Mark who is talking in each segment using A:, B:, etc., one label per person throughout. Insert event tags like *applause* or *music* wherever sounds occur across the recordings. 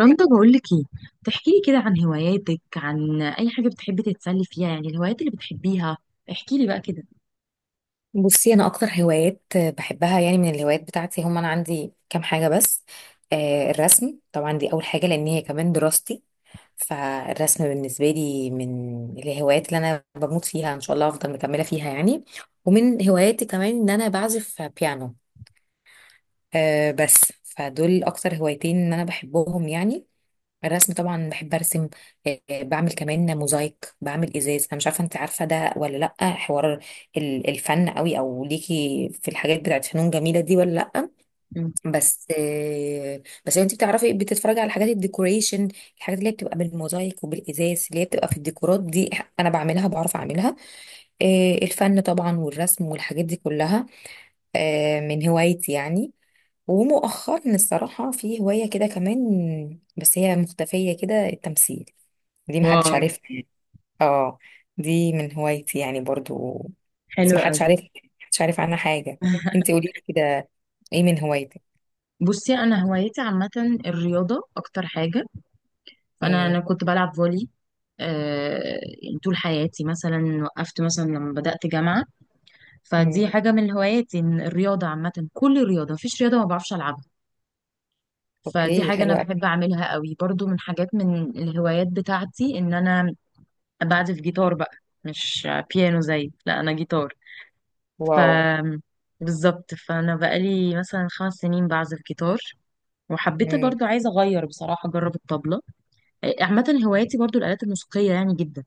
A: رندا بقول لك ايه؟ تحكي لي كده عن هواياتك، عن اي حاجه بتحبي تتسلي فيها، يعني الهوايات اللي بتحبيها. احكي لي بقى كده.
B: بصي، انا اكتر هوايات بحبها يعني، من الهوايات بتاعتي هم انا عندي كام حاجه بس. الرسم طبعا، دي اول حاجه لان هي كمان دراستي. فالرسم بالنسبه لي من الهوايات اللي انا بموت فيها، ان شاء الله افضل مكمله فيها يعني. ومن هواياتي كمان ان انا بعزف بيانو. بس فدول اكتر هوايتين ان انا بحبهم يعني. الرسم طبعا بحب ارسم. بعمل كمان موزايك، بعمل ازاز. انا مش عارفه انت عارفه ده ولا لا؟ حوار الفن قوي او ليكي في الحاجات بتاعت فنون جميله دي ولا لا؟
A: مم.
B: بس انت بتعرفي بتتفرجي على حاجات الديكوريشن، الحاجات اللي هي بتبقى بالموزايك وبالازاز اللي هي بتبقى في الديكورات دي. انا بعملها، بعرف اعملها. الفن طبعا والرسم والحاجات دي كلها، من هوايتي يعني. ومؤخرا الصراحة في هواية كده كمان، بس هي مختفية كده، التمثيل. دي محدش
A: واو،
B: عارفها يعني. اه، دي من هوايتي يعني برضو. بس
A: حلو
B: محدش
A: قوي.
B: عارفها، محدش عارف عنها حاجة. انت
A: *laughs*
B: قولي لي كده، ايه من هوايتك؟
A: بصي، انا هوايتي عامه الرياضه اكتر حاجه. فانا
B: امم.
A: كنت بلعب فولي. يعني طول حياتي، مثلا وقفت مثلا لما بدات جامعه.
B: امم.
A: فدي حاجه من هواياتي، إن الرياضه عامه، كل الرياضه، مفيش رياضه ما بعرفش العبها. فدي
B: اوكي،
A: حاجه انا
B: حلو
A: بحب
B: قوي.
A: اعملها قوي، برضو من حاجات، من الهوايات بتاعتي ان انا بعزف جيتار بقى. مش بيانو، زي، لا، انا جيتار.
B: واو.
A: ف بالظبط، فانا بقالي مثلا 5 سنين بعزف جيتار، وحبيت
B: امم.
A: برضو عايزه اغير بصراحه اجرب الطبله. عامه هواياتي برضو الالات الموسيقيه يعني جدا.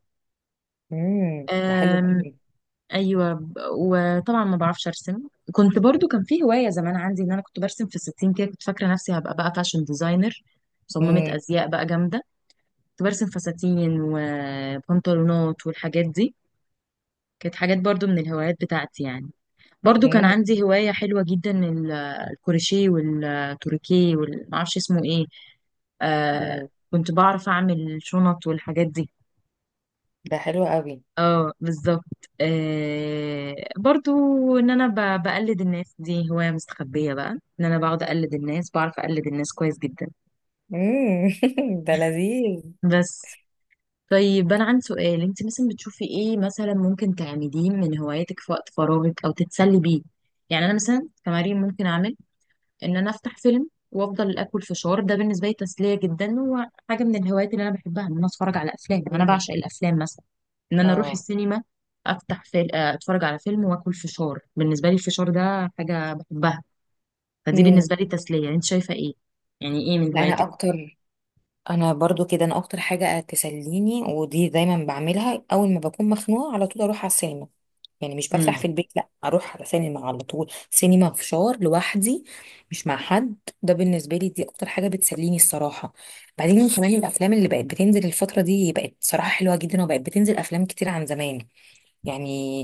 B: امم. ده حلو
A: أم،
B: قوي.
A: ايوه وطبعا ما بعرفش ارسم. كنت برضو كان في هوايه زمان عندي ان انا كنت برسم في الستين كده، كنت فاكره نفسي هبقى بقى فاشن ديزاينر، مصممه
B: امم.
A: ازياء بقى جامده. كنت برسم فساتين وبنطلونات والحاجات دي. كانت حاجات برضو من الهوايات بتاعتي يعني. برضو كان
B: امم.
A: عندي هواية حلوة جدا، الكروشيه والتوريكيه والمعرفش اسمه ايه. آه.
B: امم.
A: كنت بعرف اعمل شنط والحاجات دي.
B: ده حلو قوي.
A: اه بالظبط، آه برضو ان انا بقلد الناس، دي هواية مستخبية بقى، ان انا بقعد اقلد الناس، بعرف اقلد الناس كويس جدا.
B: امم. *laughs* ده لذيذ.
A: بس طيب، انا عندي سؤال. انت مثلا بتشوفي ايه مثلا ممكن تعمليه من هواياتك في وقت فراغك او تتسلي بيه؟ يعني انا مثلا كمريم ممكن اعمل ان انا افتح فيلم وافضل اكل فشار. ده بالنسبه لي تسليه جدا، وحاجه من الهوايات اللي انا بحبها ان انا اتفرج على افلام. يعني انا
B: مم.
A: بعشق الافلام مثلا، ان انا اروح
B: اه.
A: السينما، افتح فيلم، اتفرج على فيلم، واكل فشار. بالنسبه لي الفشار ده حاجه بحبها. فدي
B: امم.
A: بالنسبه لي تسليه. انت شايفه ايه؟ يعني ايه من
B: لا، انا
A: هواياتك؟
B: اكتر، انا برضو كده. انا اكتر حاجة تسليني ودي دايما بعملها، اول ما بكون مخنوقة على طول اروح على السينما. يعني مش
A: امم،
B: بفتح في البيت، لا اروح على سينما على طول. سينما، فشار، لوحدي. مش مع حد. ده بالنسبه لي دي اكتر حاجه بتسليني الصراحه. بعدين كمان الافلام اللي بقت بتنزل الفتره دي بقت صراحه حلوه جدا، وبقت بتنزل افلام كتير عن زمان. يعني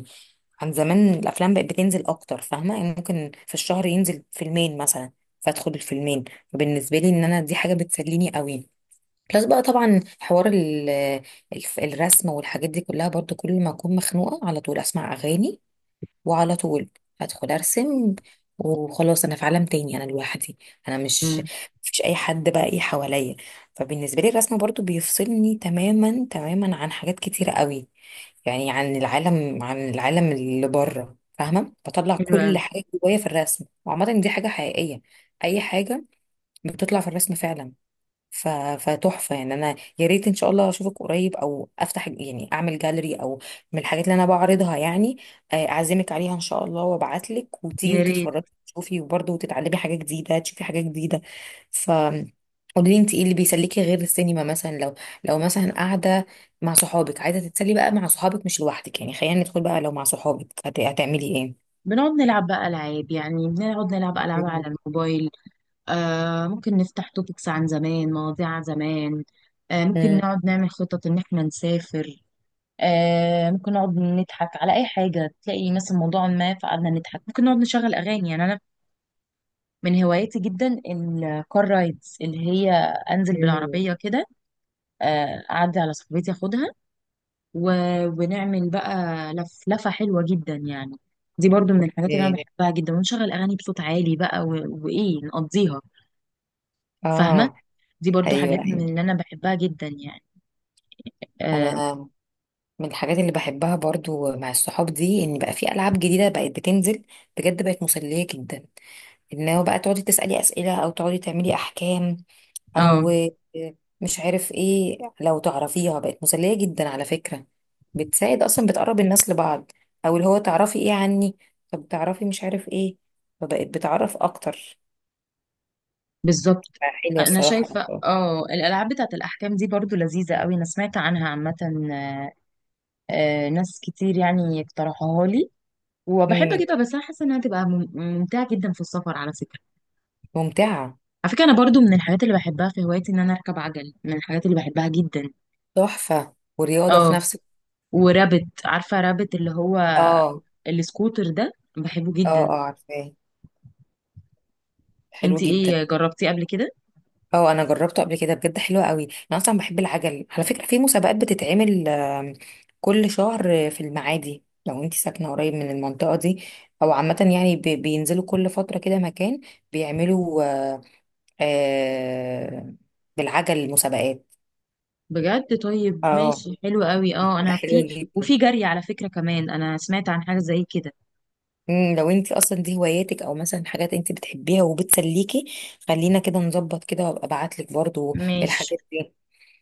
B: عن زمان، الافلام بقت بتنزل اكتر، فاهمه؟ يعني ممكن في الشهر ينزل فيلمين مثلا، فادخل الفيلمين. فبالنسبه لي ان انا دي حاجه بتسليني قوي. بلس بقى طبعا، حوار الرسم والحاجات دي كلها برضو، كل ما اكون مخنوقه على طول اسمع اغاني، وعلى طول هدخل ارسم وخلاص، انا في عالم تاني، انا لوحدي. انا مش
A: امم،
B: مفيش اي حد بقى ايه حواليا. فبالنسبه لي الرسم برضو بيفصلني تماما تماما عن حاجات كتيره قوي، يعني عن العالم، عن العالم اللي بره، فاهمه؟ بطلع
A: حلوه أوي.
B: كل حاجه جوايا في الرسم، وعامه دي حاجه حقيقيه، اي حاجه بتطلع في الرسم فعلا. ف... فتحفة يعني، انا يا ريت ان شاء الله اشوفك قريب، او افتح يعني اعمل جاليري، او من الحاجات اللي انا بعرضها يعني، اعزمك عليها ان شاء الله، وابعت لك وتيجي
A: يا ريت.
B: وتتفرجي وتشوفي، وبرضه تتعلمي حاجة جديدة، تشوفي حاجة جديدة. ف قولي لي انت، ايه اللي بيسليكي غير السينما مثلا، لو مثلا قاعدة مع صحابك، عايزة تتسلي بقى مع صحابك مش لوحدك يعني، خلينا ندخل بقى، لو مع صحابك هتعملي ايه؟
A: بنقعد نلعب بقى العاب، يعني بنقعد نلعب العاب على
B: مم.
A: الموبايل. آه ممكن نفتح توبكس عن زمان، مواضيع عن زمان. آه ممكن
B: مم.
A: نقعد نعمل خطط ان احنا نسافر. آه ممكن نقعد نضحك على اي حاجه، تلاقي مثلا موضوع ما، فقعدنا نضحك. ممكن نقعد نشغل اغاني. يعني انا من هواياتي جدا الكار رايدز، اللي هي انزل
B: مم.
A: بالعربيه كده، اعدي على صاحبتي اخدها و... ونعمل بقى لف لفه حلوه جدا يعني. دي برضو من الحاجات اللي انا
B: إيه.
A: بحبها جدا، ونشغل اغاني بصوت عالي بقى وايه، نقضيها، فاهمه؟
B: اه.
A: دي برضو حاجات
B: ايوه،
A: من
B: ايوه.
A: اللي انا بحبها جدا يعني. اه.
B: انا من الحاجات اللي بحبها برضو مع الصحاب دي، ان بقى في العاب جديده بقت بتنزل، بجد بقت مسليه جدا. ان هو بقى تقعدي تسالي اسئله، او تقعدي تعملي احكام،
A: آه.
B: او مش عارف ايه، لو تعرفيها بقت مسليه جدا على فكره، بتساعد اصلا، بتقرب الناس لبعض. او اللي هو تعرفي ايه عني، طب تعرفي مش عارف ايه، فبقت بتعرف اكتر.
A: بالظبط.
B: حلوه
A: انا
B: الصراحه.
A: شايفه اه الالعاب بتاعه الاحكام دي برضو لذيذه قوي. انا سمعت عنها عامه، ناس كتير يعني اقترحوها لي، وبحب
B: امم.
A: اجيبها. بس انا حاسه انها تبقى ممتعه جدا في السفر على فكره.
B: ممتعه.
A: على فكره انا برضو من الحاجات اللي بحبها في هوايتي ان انا اركب عجل، من الحاجات اللي بحبها جدا.
B: تحفه ورياضه في
A: اه
B: نفس.
A: ورابت، عارفه رابت اللي هو
B: اه،
A: السكوتر ده؟ بحبه
B: اه،
A: جدا.
B: اه، عارفاه. حلو
A: انتي
B: جدا.
A: ايه، جربتيه قبل كده؟
B: اه، انا جربته قبل كده بجد، حلو قوي. انا اصلا بحب العجل على فكره، في مسابقات بتتعمل كل شهر في المعادي، لو انت ساكنه قريب من المنطقه دي. او عامه يعني بينزلوا كل فتره كده مكان، بيعملوا آه، بالعجل مسابقات.
A: بجد؟ طيب
B: اه،
A: ماشي، حلو قوي. اه
B: بتبقى
A: انا
B: حلوه
A: في
B: جدا.
A: وفي جري على فكره كمان، انا سمعت عن حاجه زي كده.
B: لو انت اصلا دي هواياتك، او مثلا حاجات انت بتحبيها وبتسليكي، خلينا كده نظبط كده، وابقى ابعت لك برضو
A: مش،
B: الحاجات دي.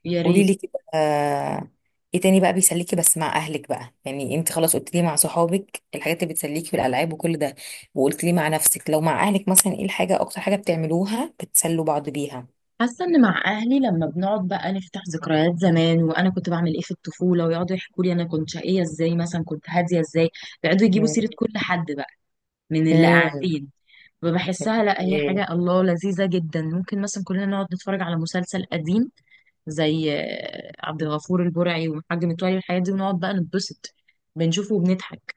A: يا
B: قولي
A: ريت.
B: لي كده، ايه تاني بقى بيسليكي؟ بس مع اهلك بقى يعني، انت خلاص قلت لي مع صحابك الحاجات اللي بتسليكي في الالعاب وكل ده، وقلت لي مع نفسك. لو مع اهلك مثلا، ايه الحاجه اكتر حاجه بتعملوها بتسلوا بعض بيها؟
A: حاسه ان مع اهلي لما بنقعد بقى نفتح ذكريات زمان، وانا كنت بعمل ايه في الطفوله، ويقعدوا يحكوا لي انا كنت شقيه ازاي، مثلا كنت هاديه ازاي. يقعدوا يجيبوا سيره
B: امم.
A: كل حد بقى من اللي
B: امم.
A: قاعدين. فبحسها، لا هي
B: اوكي.
A: حاجه الله لذيذه جدا. ممكن مثلا كلنا نقعد نتفرج على مسلسل قديم زي عبد الغفور البرعي وحاج متولي، الحاجات دي، ونقعد بقى نتبسط، بنشوفه وبنضحك،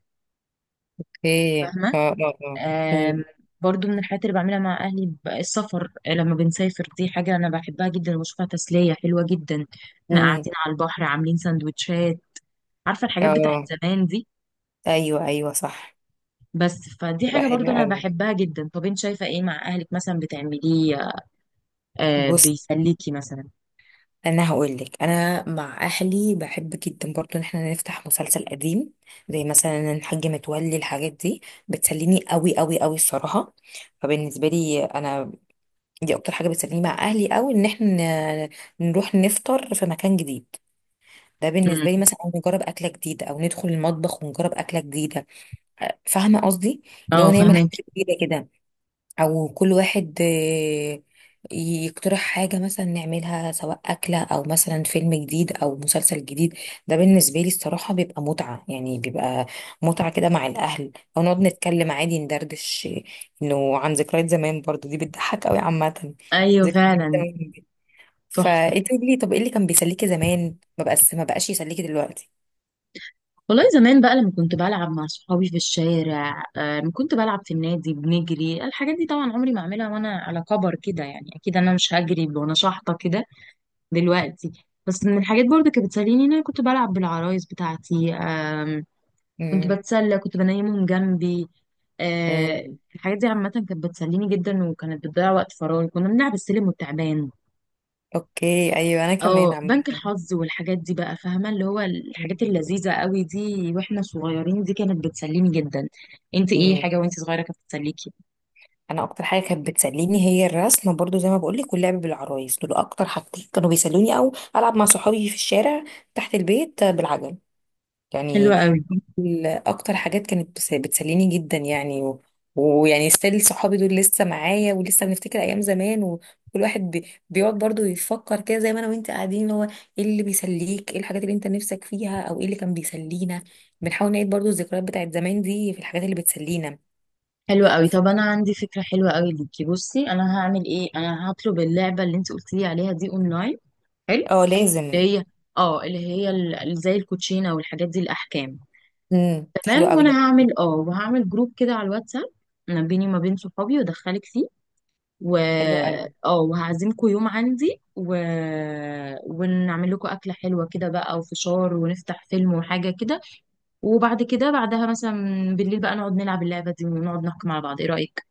B: اوكي. اه،
A: فاهمه؟
B: اه، اه. امم.
A: آم، برضو من الحاجات اللي بعملها مع أهلي السفر. لما بنسافر دي حاجة أنا بحبها جدا وبشوفها تسلية حلوة جدا. احنا
B: امم.
A: قاعدين على البحر، عاملين سندوتشات، عارفة الحاجات بتاعت
B: اه.
A: زمان دي؟
B: ايوه، ايوه، صح.
A: بس فدي
B: يبقى
A: حاجة برضو
B: حلوه
A: أنا
B: قوي.
A: بحبها جدا. طب أنت شايفة إيه مع أهلك مثلا بتعمليه؟ آه
B: بص،
A: بيسليكي مثلا؟
B: انا هقول لك، انا مع اهلي بحب جدا برضو ان احنا نفتح مسلسل قديم، زي مثلا الحاج متولي، الحاجات دي بتسليني قوي قوي قوي الصراحه. فبالنسبه لي انا دي اكتر حاجه بتسليني مع اهلي قوي، ان احنا ن- نروح نفطر في مكان جديد، ده
A: مم.
B: بالنسبه لي مثلا، أو نجرب اكله جديده، او ندخل المطبخ ونجرب اكله جديده. فاهمه قصدي؟ اللي هو
A: اه
B: نعمل حاجه
A: فاهمك.
B: جديده، او كل واحد يقترح حاجة مثلا نعملها، سواء أكلة أو مثلا فيلم جديد أو مسلسل جديد. ده بالنسبة لي الصراحة بيبقى متعة يعني، بيبقى متعة كده مع الأهل، أو نقعد نتكلم عادي، ندردش إنه عن ذكريات زمان، برضو دي بتضحك أوي عامة،
A: أيوة
B: ذكريات
A: فعلا.
B: زمان دي.
A: تحفة.
B: فأنت قولي لي، طب إيه اللي كان بيسليكي زمان ما بقاش، ما بقاش يسليكي دلوقتي؟
A: والله زمان بقى لما كنت بلعب مع صحابي في الشارع، لما كنت بلعب في النادي بنجري الحاجات دي، طبعا عمري ما اعملها وانا على كبر كده، يعني اكيد انا مش هجري وانا شحطه كده دلوقتي. بس من الحاجات برضه كانت بتسليني ان انا كنت بلعب بالعرايس بتاعتي. آم، كنت
B: امم.
A: بتسلى، كنت بنيمهم جنبي. آه،
B: امم.
A: الحاجات دي عامة كانت بتسليني جدا، وكانت بتضيع وقت فراغي. كنا بنلعب السلم والتعبان،
B: أوكي. أيوه. أنا كمان.
A: اه بنك الحظ والحاجات دي بقى، فاهمة، اللي هو الحاجات
B: عامة.
A: اللذيذة قوي دي واحنا صغيرين، دي كانت بتسليني جدا. انت ايه حاجة وانت صغيرة كانت بتسليكي؟
B: انا اكتر حاجه كانت بتسليني هي الرسم برضو، زي ما بقولك، واللعب بالعرايس، دول اكتر حاجتين كانوا بيسلوني، او العب مع صحابي في الشارع تحت البيت بالعجل يعني.
A: حلوة قوي،
B: اكتر حاجات كانت بتسليني جدا يعني، ويعني ستيل صحابي دول لسه معايا، ولسه بنفتكر ايام زمان، وكل واحد بيقعد برضو يفكر كده، زي ما انا وانت قاعدين، اللي هو ايه اللي بيسليك، ايه الحاجات اللي انت نفسك فيها، او ايه اللي كان بيسلينا. بنحاول نعيد برضو الذكريات بتاعت زمان دي في الحاجات اللي بتسلينا.
A: حلوة قوي.
B: ف-
A: طب انا عندي فكرة حلوة قوي ليكي. بصي، انا هعمل ايه، انا هطلب اللعبة اللي انت قلتي لي عليها دي اونلاين. حلو،
B: اه،
A: اللي
B: لازم.
A: هي، اه اللي هي، زي الكوتشينة والحاجات دي، الاحكام.
B: امم.
A: تمام،
B: حلوه قوي،
A: وانا
B: يا ربي.
A: هعمل اه، وهعمل جروب كده على الواتساب ما بيني وما بين صحابي، وادخلك فيه. و
B: حلوه قوي.
A: اه وهعزمكم يوم عندي ونعمل لكم أكلة حلوة كده بقى، وفشار، ونفتح فيلم وحاجة كده، وبعد كده بعدها مثلا بالليل بقى نقعد نلعب اللعبة دي، ونقعد نحكم على بعض. ايه رأيك؟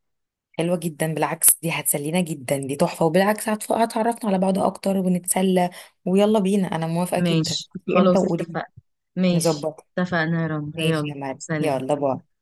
B: حلوه جدا بالعكس، دي هتسلينا جدا، دي تحفه. وبالعكس هتعرفنا على بعض اكتر ونتسلى. ويلا بينا، انا موافقه جدا،
A: ماشي
B: انتي امتى
A: خلاص،
B: وقولي لي
A: اتفقنا. ماشي،
B: نظبط.
A: اتفقنا يا رنا،
B: ماشي
A: يلا.
B: يا مريم،
A: سلام.
B: يلا، باي.